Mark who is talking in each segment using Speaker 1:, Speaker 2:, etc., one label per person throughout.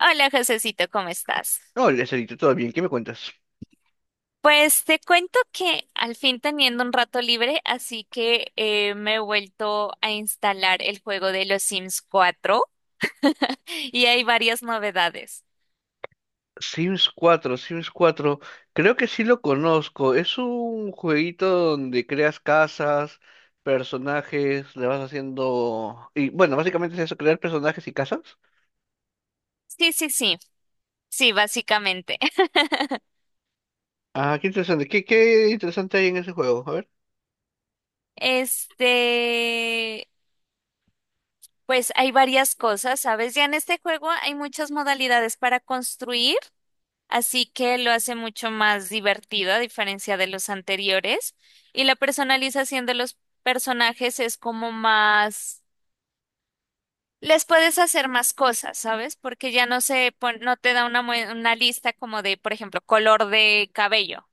Speaker 1: Hola, Josecito, ¿cómo estás?
Speaker 2: No, el Estherito, todo bien, ¿qué me cuentas?
Speaker 1: Pues te cuento que al fin teniendo un rato libre, así que me he vuelto a instalar el juego de los Sims 4 y hay varias novedades.
Speaker 2: Sims cuatro, Sims cuatro. Creo que sí lo conozco. Es un jueguito donde creas casas, personajes, le vas haciendo. Y bueno, básicamente es eso, crear personajes y casas.
Speaker 1: Sí, sí, sí, sí, básicamente.
Speaker 2: Ah, qué interesante. ¿Qué interesante hay en ese juego? A ver.
Speaker 1: Este, pues hay varias cosas, ¿sabes? Ya en este juego hay muchas modalidades para construir. Así que lo hace mucho más divertido a diferencia de los anteriores. Y la personalización de los personajes es como más... Les puedes hacer más cosas, ¿sabes? Porque ya no te da una lista como de, por ejemplo, color de cabello,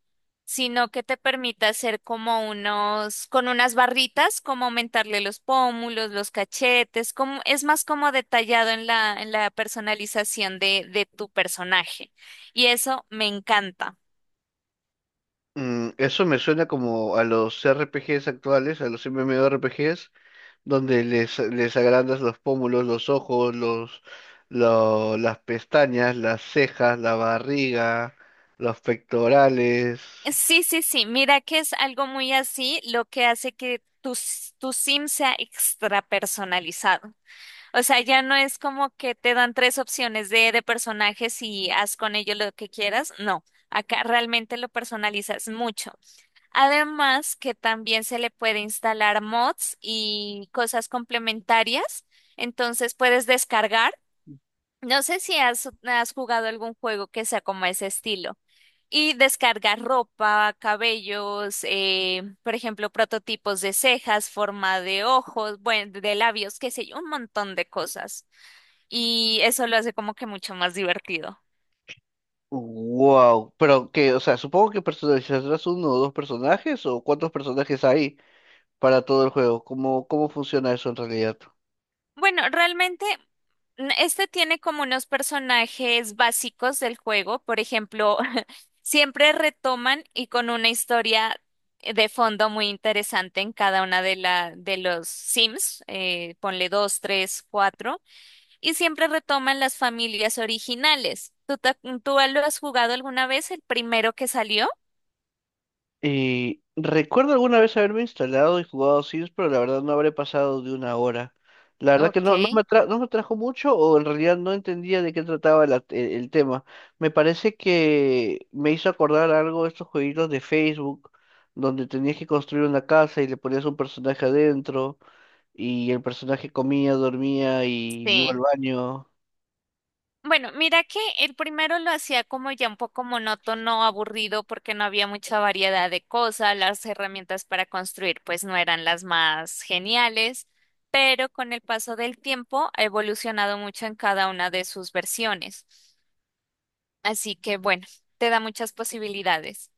Speaker 1: sino que te permite hacer como con unas barritas, como aumentarle los pómulos, los cachetes, como, es más como detallado en la personalización de tu personaje. Y eso me encanta.
Speaker 2: Eso me suena como a los RPGs actuales, a los MMORPGs, donde les agrandas los pómulos, los ojos, las pestañas, las cejas, la barriga, los pectorales.
Speaker 1: Sí, sí, sí, mira que es algo muy así lo que hace que tu sim sea extra personalizado. O sea, ya no es como que te dan tres opciones de personajes y haz con ellos lo que quieras. No, acá realmente lo personalizas mucho. Además que también se le puede instalar mods y cosas complementarias. Entonces puedes descargar. No sé si has jugado algún juego que sea como ese estilo. Y descargar ropa, cabellos, por ejemplo, prototipos de cejas, forma de ojos, bueno, de labios, qué sé yo, un montón de cosas. Y eso lo hace como que mucho más divertido.
Speaker 2: Wow, pero que, o sea, supongo que personalizarás uno o dos personajes o cuántos personajes hay para todo el juego. ¿Cómo funciona eso en realidad?
Speaker 1: Bueno, realmente este tiene como unos personajes básicos del juego. Por ejemplo, siempre retoman y con una historia de fondo muy interesante en cada una de los Sims. Ponle dos, tres, cuatro. Y siempre retoman las familias originales. ¿Tú lo has jugado alguna vez, el primero que salió?
Speaker 2: Recuerdo alguna vez haberme instalado y jugado Sims, pero la verdad no habré pasado de una hora. La verdad que
Speaker 1: Ok,
Speaker 2: no, no me atrajo mucho o en realidad no entendía de qué trataba el tema. Me parece que me hizo acordar algo de estos jueguitos de Facebook, donde tenías que construir una casa y le ponías un personaje adentro y el personaje comía, dormía y iba al
Speaker 1: sí.
Speaker 2: baño.
Speaker 1: Bueno, mira que el primero lo hacía como ya un poco monótono, aburrido, porque no había mucha variedad de cosas, las herramientas para construir pues no eran las más geniales, pero con el paso del tiempo ha evolucionado mucho en cada una de sus versiones. Así que bueno, te da muchas posibilidades.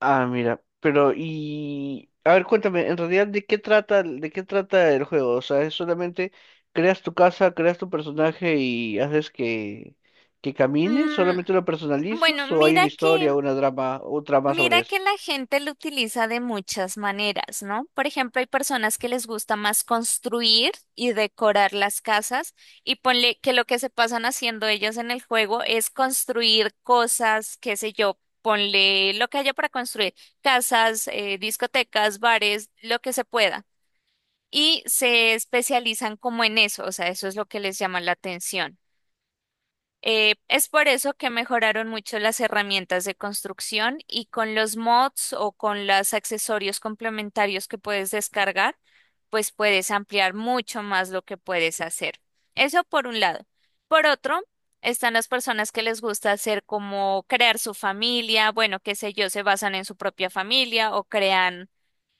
Speaker 2: Ah, mira, pero y a ver, cuéntame, en realidad de qué trata el juego, o sea, es solamente creas tu casa, creas tu personaje y haces que camine,
Speaker 1: Mm,
Speaker 2: solamente lo
Speaker 1: bueno,
Speaker 2: personalizas o hay una
Speaker 1: mira que
Speaker 2: historia, una drama, un trama sobre
Speaker 1: Mira
Speaker 2: eso.
Speaker 1: que la gente lo utiliza de muchas maneras, ¿no? Por ejemplo, hay personas que les gusta más construir y decorar las casas y ponle que lo que se pasan haciendo ellos en el juego es construir cosas, qué sé yo, ponle lo que haya para construir, casas, discotecas, bares, lo que se pueda. Y se especializan como en eso, o sea, eso es lo que les llama la atención. Es por eso que mejoraron mucho las herramientas de construcción y con los mods o con los accesorios complementarios que puedes descargar, pues puedes ampliar mucho más lo que puedes hacer. Eso por un lado. Por otro, están las personas que les gusta hacer como crear su familia, bueno, qué sé yo, se basan en su propia familia o crean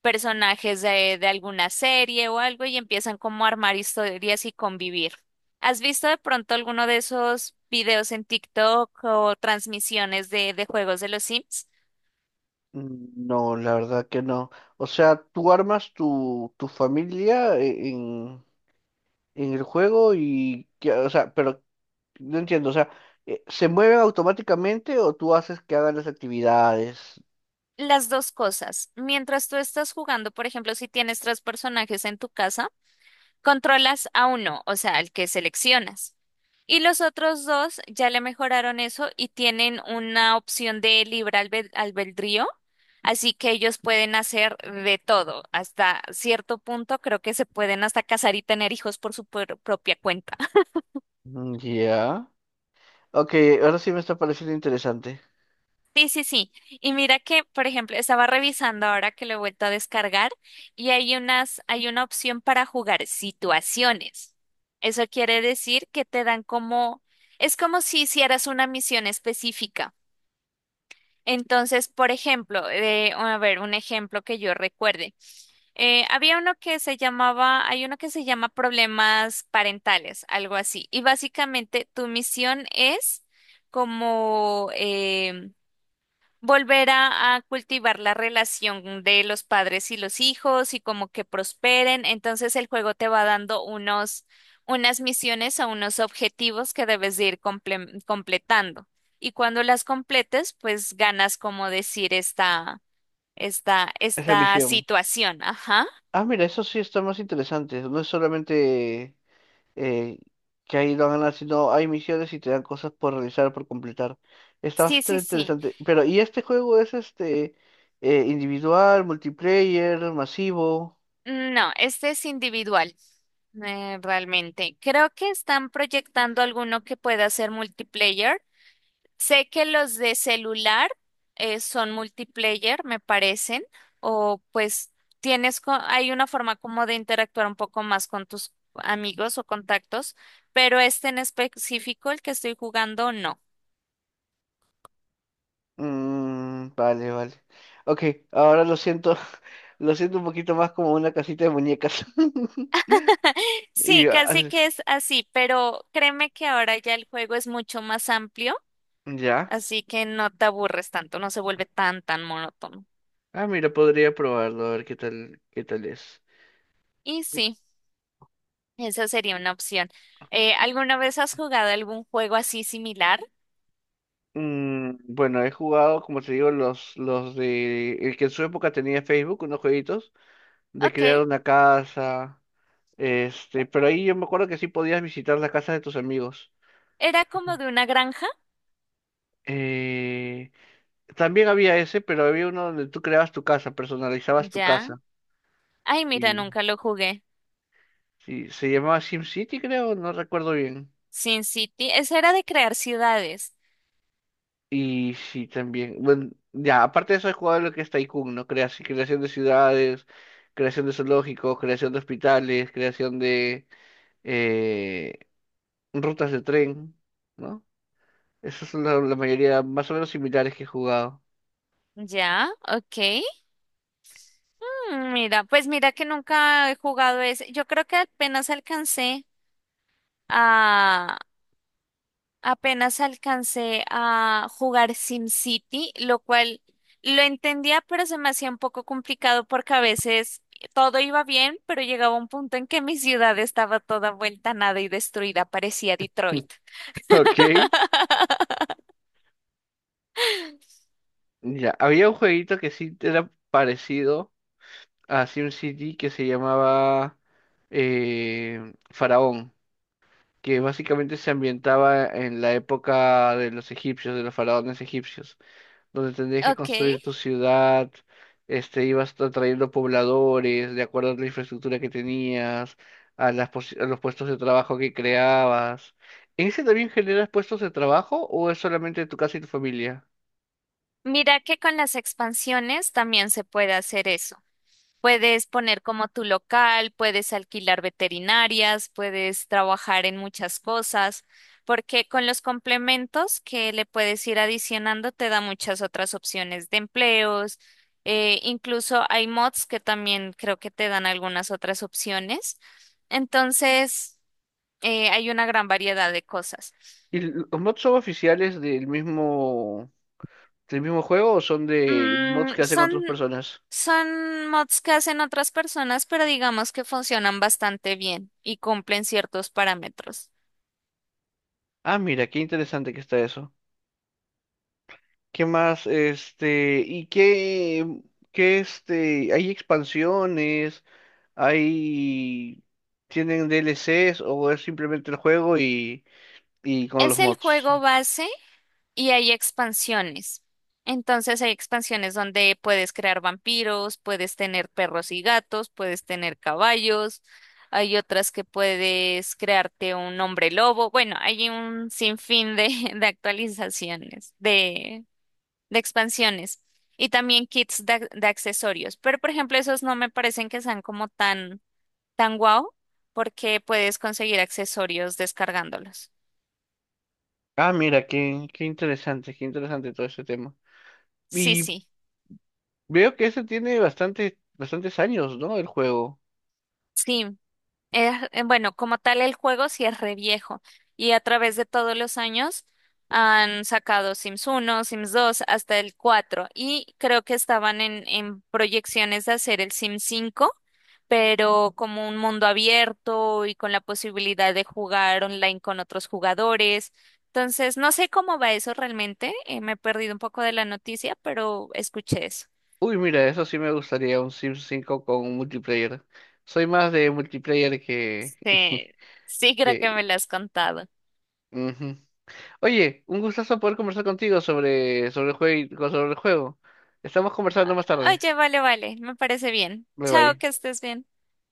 Speaker 1: personajes de alguna serie o algo y empiezan como a armar historias y convivir. ¿Has visto de pronto alguno de esos videos en TikTok o transmisiones de juegos de los Sims?
Speaker 2: No, la verdad que no. O sea, tú armas tu familia en el juego o sea, pero no entiendo, o sea, ¿se mueven automáticamente o tú haces que hagan las actividades?
Speaker 1: Las dos cosas. Mientras tú estás jugando, por ejemplo, si tienes tres personajes en tu casa, controlas a uno, o sea, al que seleccionas. Y los otros dos ya le mejoraron eso y tienen una opción de libre albedrío, así que ellos pueden hacer de todo. Hasta cierto punto creo que se pueden hasta casar y tener hijos por su propia cuenta.
Speaker 2: Mm. Ya. Ok, ahora sí me está pareciendo interesante
Speaker 1: Sí, sí, sí. Y mira que, por ejemplo, estaba revisando ahora que lo he vuelto a descargar y hay una opción para jugar situaciones. Eso quiere decir que te dan como, es como si hicieras una misión específica. Entonces, por ejemplo, a ver, un ejemplo que yo recuerde. Había uno que se llamaba, hay uno que se llama problemas parentales, algo así. Y básicamente tu misión es como volver a cultivar la relación de los padres y los hijos y como que prosperen. Entonces el juego te va dando unos, unas misiones o unos objetivos que debes de ir completando. Y cuando las completes, pues ganas como decir esta, esta,
Speaker 2: esa
Speaker 1: esta
Speaker 2: misión.
Speaker 1: situación. Ajá.
Speaker 2: Ah, mira, eso sí está más interesante. No es solamente eh, que ahí lo ganas, sino hay misiones y te dan cosas por realizar, por completar. Está
Speaker 1: Sí, sí,
Speaker 2: bastante
Speaker 1: sí.
Speaker 2: interesante. Pero, ¿y este juego es individual, multiplayer, masivo?
Speaker 1: No, este es individual. Realmente, creo que están proyectando alguno que pueda ser multiplayer. Sé que los de celular son multiplayer, me parecen, o pues tienes, hay una forma como de interactuar un poco más con tus amigos o contactos, pero este en específico, el que estoy jugando, no.
Speaker 2: Mm, vale, vale. Ok, ahora lo siento, lo siento un poquito más como una casita de muñecas. Y
Speaker 1: Sí, casi
Speaker 2: ah,
Speaker 1: que es así, pero créeme que ahora ya el juego es mucho más amplio,
Speaker 2: ya.
Speaker 1: así que no te aburres tanto, no se vuelve tan, tan monótono.
Speaker 2: Ah, mira, podría probarlo, a ver qué tal es.
Speaker 1: Y sí, esa sería una opción. ¿Alguna vez has jugado algún juego así similar?
Speaker 2: Bueno, he jugado, como te digo, los de. El que en su época tenía Facebook, unos jueguitos, de
Speaker 1: Ok.
Speaker 2: crear una casa, pero ahí yo me acuerdo que sí podías visitar la casa de tus amigos.
Speaker 1: Era como de una granja,
Speaker 2: Eh, También había ese, pero había uno donde tú creabas tu casa, personalizabas tu
Speaker 1: ya.
Speaker 2: casa.
Speaker 1: Ay, mira,
Speaker 2: Y
Speaker 1: nunca lo jugué.
Speaker 2: sí, se llamaba SimCity, creo, no recuerdo bien.
Speaker 1: Sin City, ese era de crear ciudades,
Speaker 2: Y sí, también. Bueno, ya, aparte de eso he jugado lo que es Tycoon, ¿no? Creación de ciudades, creación de zoológicos, creación de hospitales, creación de eh, rutas de tren, ¿no? Esas son la mayoría más o menos similares que he jugado.
Speaker 1: ya, ok. Mm, mira, pues mira que nunca he jugado ese. Yo creo que a, apenas alcancé a jugar Sin City, lo cual lo entendía, pero se me hacía un poco complicado porque a veces todo iba bien, pero llegaba un punto en que mi ciudad estaba toda vuelta a nada y destruida, parecía Detroit.
Speaker 2: Ok. Ya, había un jueguito que sí era parecido a SimCity que se llamaba Faraón, que básicamente se ambientaba en la época de los egipcios, de los faraones egipcios, donde tendrías que
Speaker 1: Ok.
Speaker 2: construir tu ciudad, ibas trayendo pobladores de acuerdo a la infraestructura que tenías, a los puestos de trabajo que creabas. ¿En ese también generas puestos de trabajo o es solamente tu casa y tu familia?
Speaker 1: Mira que con las expansiones también se puede hacer eso. Puedes poner como tu local, puedes alquilar veterinarias, puedes trabajar en muchas cosas, porque con los complementos que le puedes ir adicionando te da muchas otras opciones de empleos. Incluso hay mods que también creo que te dan algunas otras opciones. Entonces, hay una gran variedad de cosas.
Speaker 2: ¿Y los mods son oficiales del mismo juego o son de mods
Speaker 1: Mm,
Speaker 2: que hacen
Speaker 1: son,
Speaker 2: otras personas?
Speaker 1: son mods que hacen otras personas, pero digamos que funcionan bastante bien y cumplen ciertos parámetros.
Speaker 2: Ah, mira, qué interesante que está eso. ¿Qué más? ¿Y qué hay expansiones? Hay Tienen DLCs o es simplemente el juego y con
Speaker 1: Es
Speaker 2: los
Speaker 1: el
Speaker 2: mods.
Speaker 1: juego base y hay expansiones. Entonces hay expansiones donde puedes crear vampiros, puedes tener perros y gatos, puedes tener caballos, hay otras que puedes crearte un hombre lobo. Bueno, hay un sinfín de, de actualizaciones, de expansiones y también kits de accesorios. Pero, por ejemplo, esos no me parecen que sean como tan, tan guau, porque puedes conseguir accesorios descargándolos.
Speaker 2: Ah, mira, qué interesante, qué interesante todo ese tema.
Speaker 1: Sí,
Speaker 2: Y
Speaker 1: sí,
Speaker 2: veo que ese tiene bastante, bastantes años, ¿no? El juego.
Speaker 1: sí. Es, bueno, como tal el juego sí es re viejo y a través de todos los años han sacado Sims 1, Sims 2, hasta el 4 y creo que estaban en proyecciones de hacer el Sims 5, pero como un mundo abierto y con la posibilidad de jugar online con otros jugadores. Entonces, no sé cómo va eso realmente, me he perdido un poco de la noticia, pero escuché eso.
Speaker 2: Uy, mira, eso sí me gustaría, un Sims cinco con multiplayer. Soy más de multiplayer que.
Speaker 1: Sí, sí creo que
Speaker 2: Que.
Speaker 1: me lo has contado.
Speaker 2: Ujú. Oye, un gustazo poder conversar contigo sobre el juego. Estamos conversando más tarde.
Speaker 1: Oye, vale, vale, me parece bien.
Speaker 2: Bye
Speaker 1: Chao,
Speaker 2: bye.
Speaker 1: que estés bien.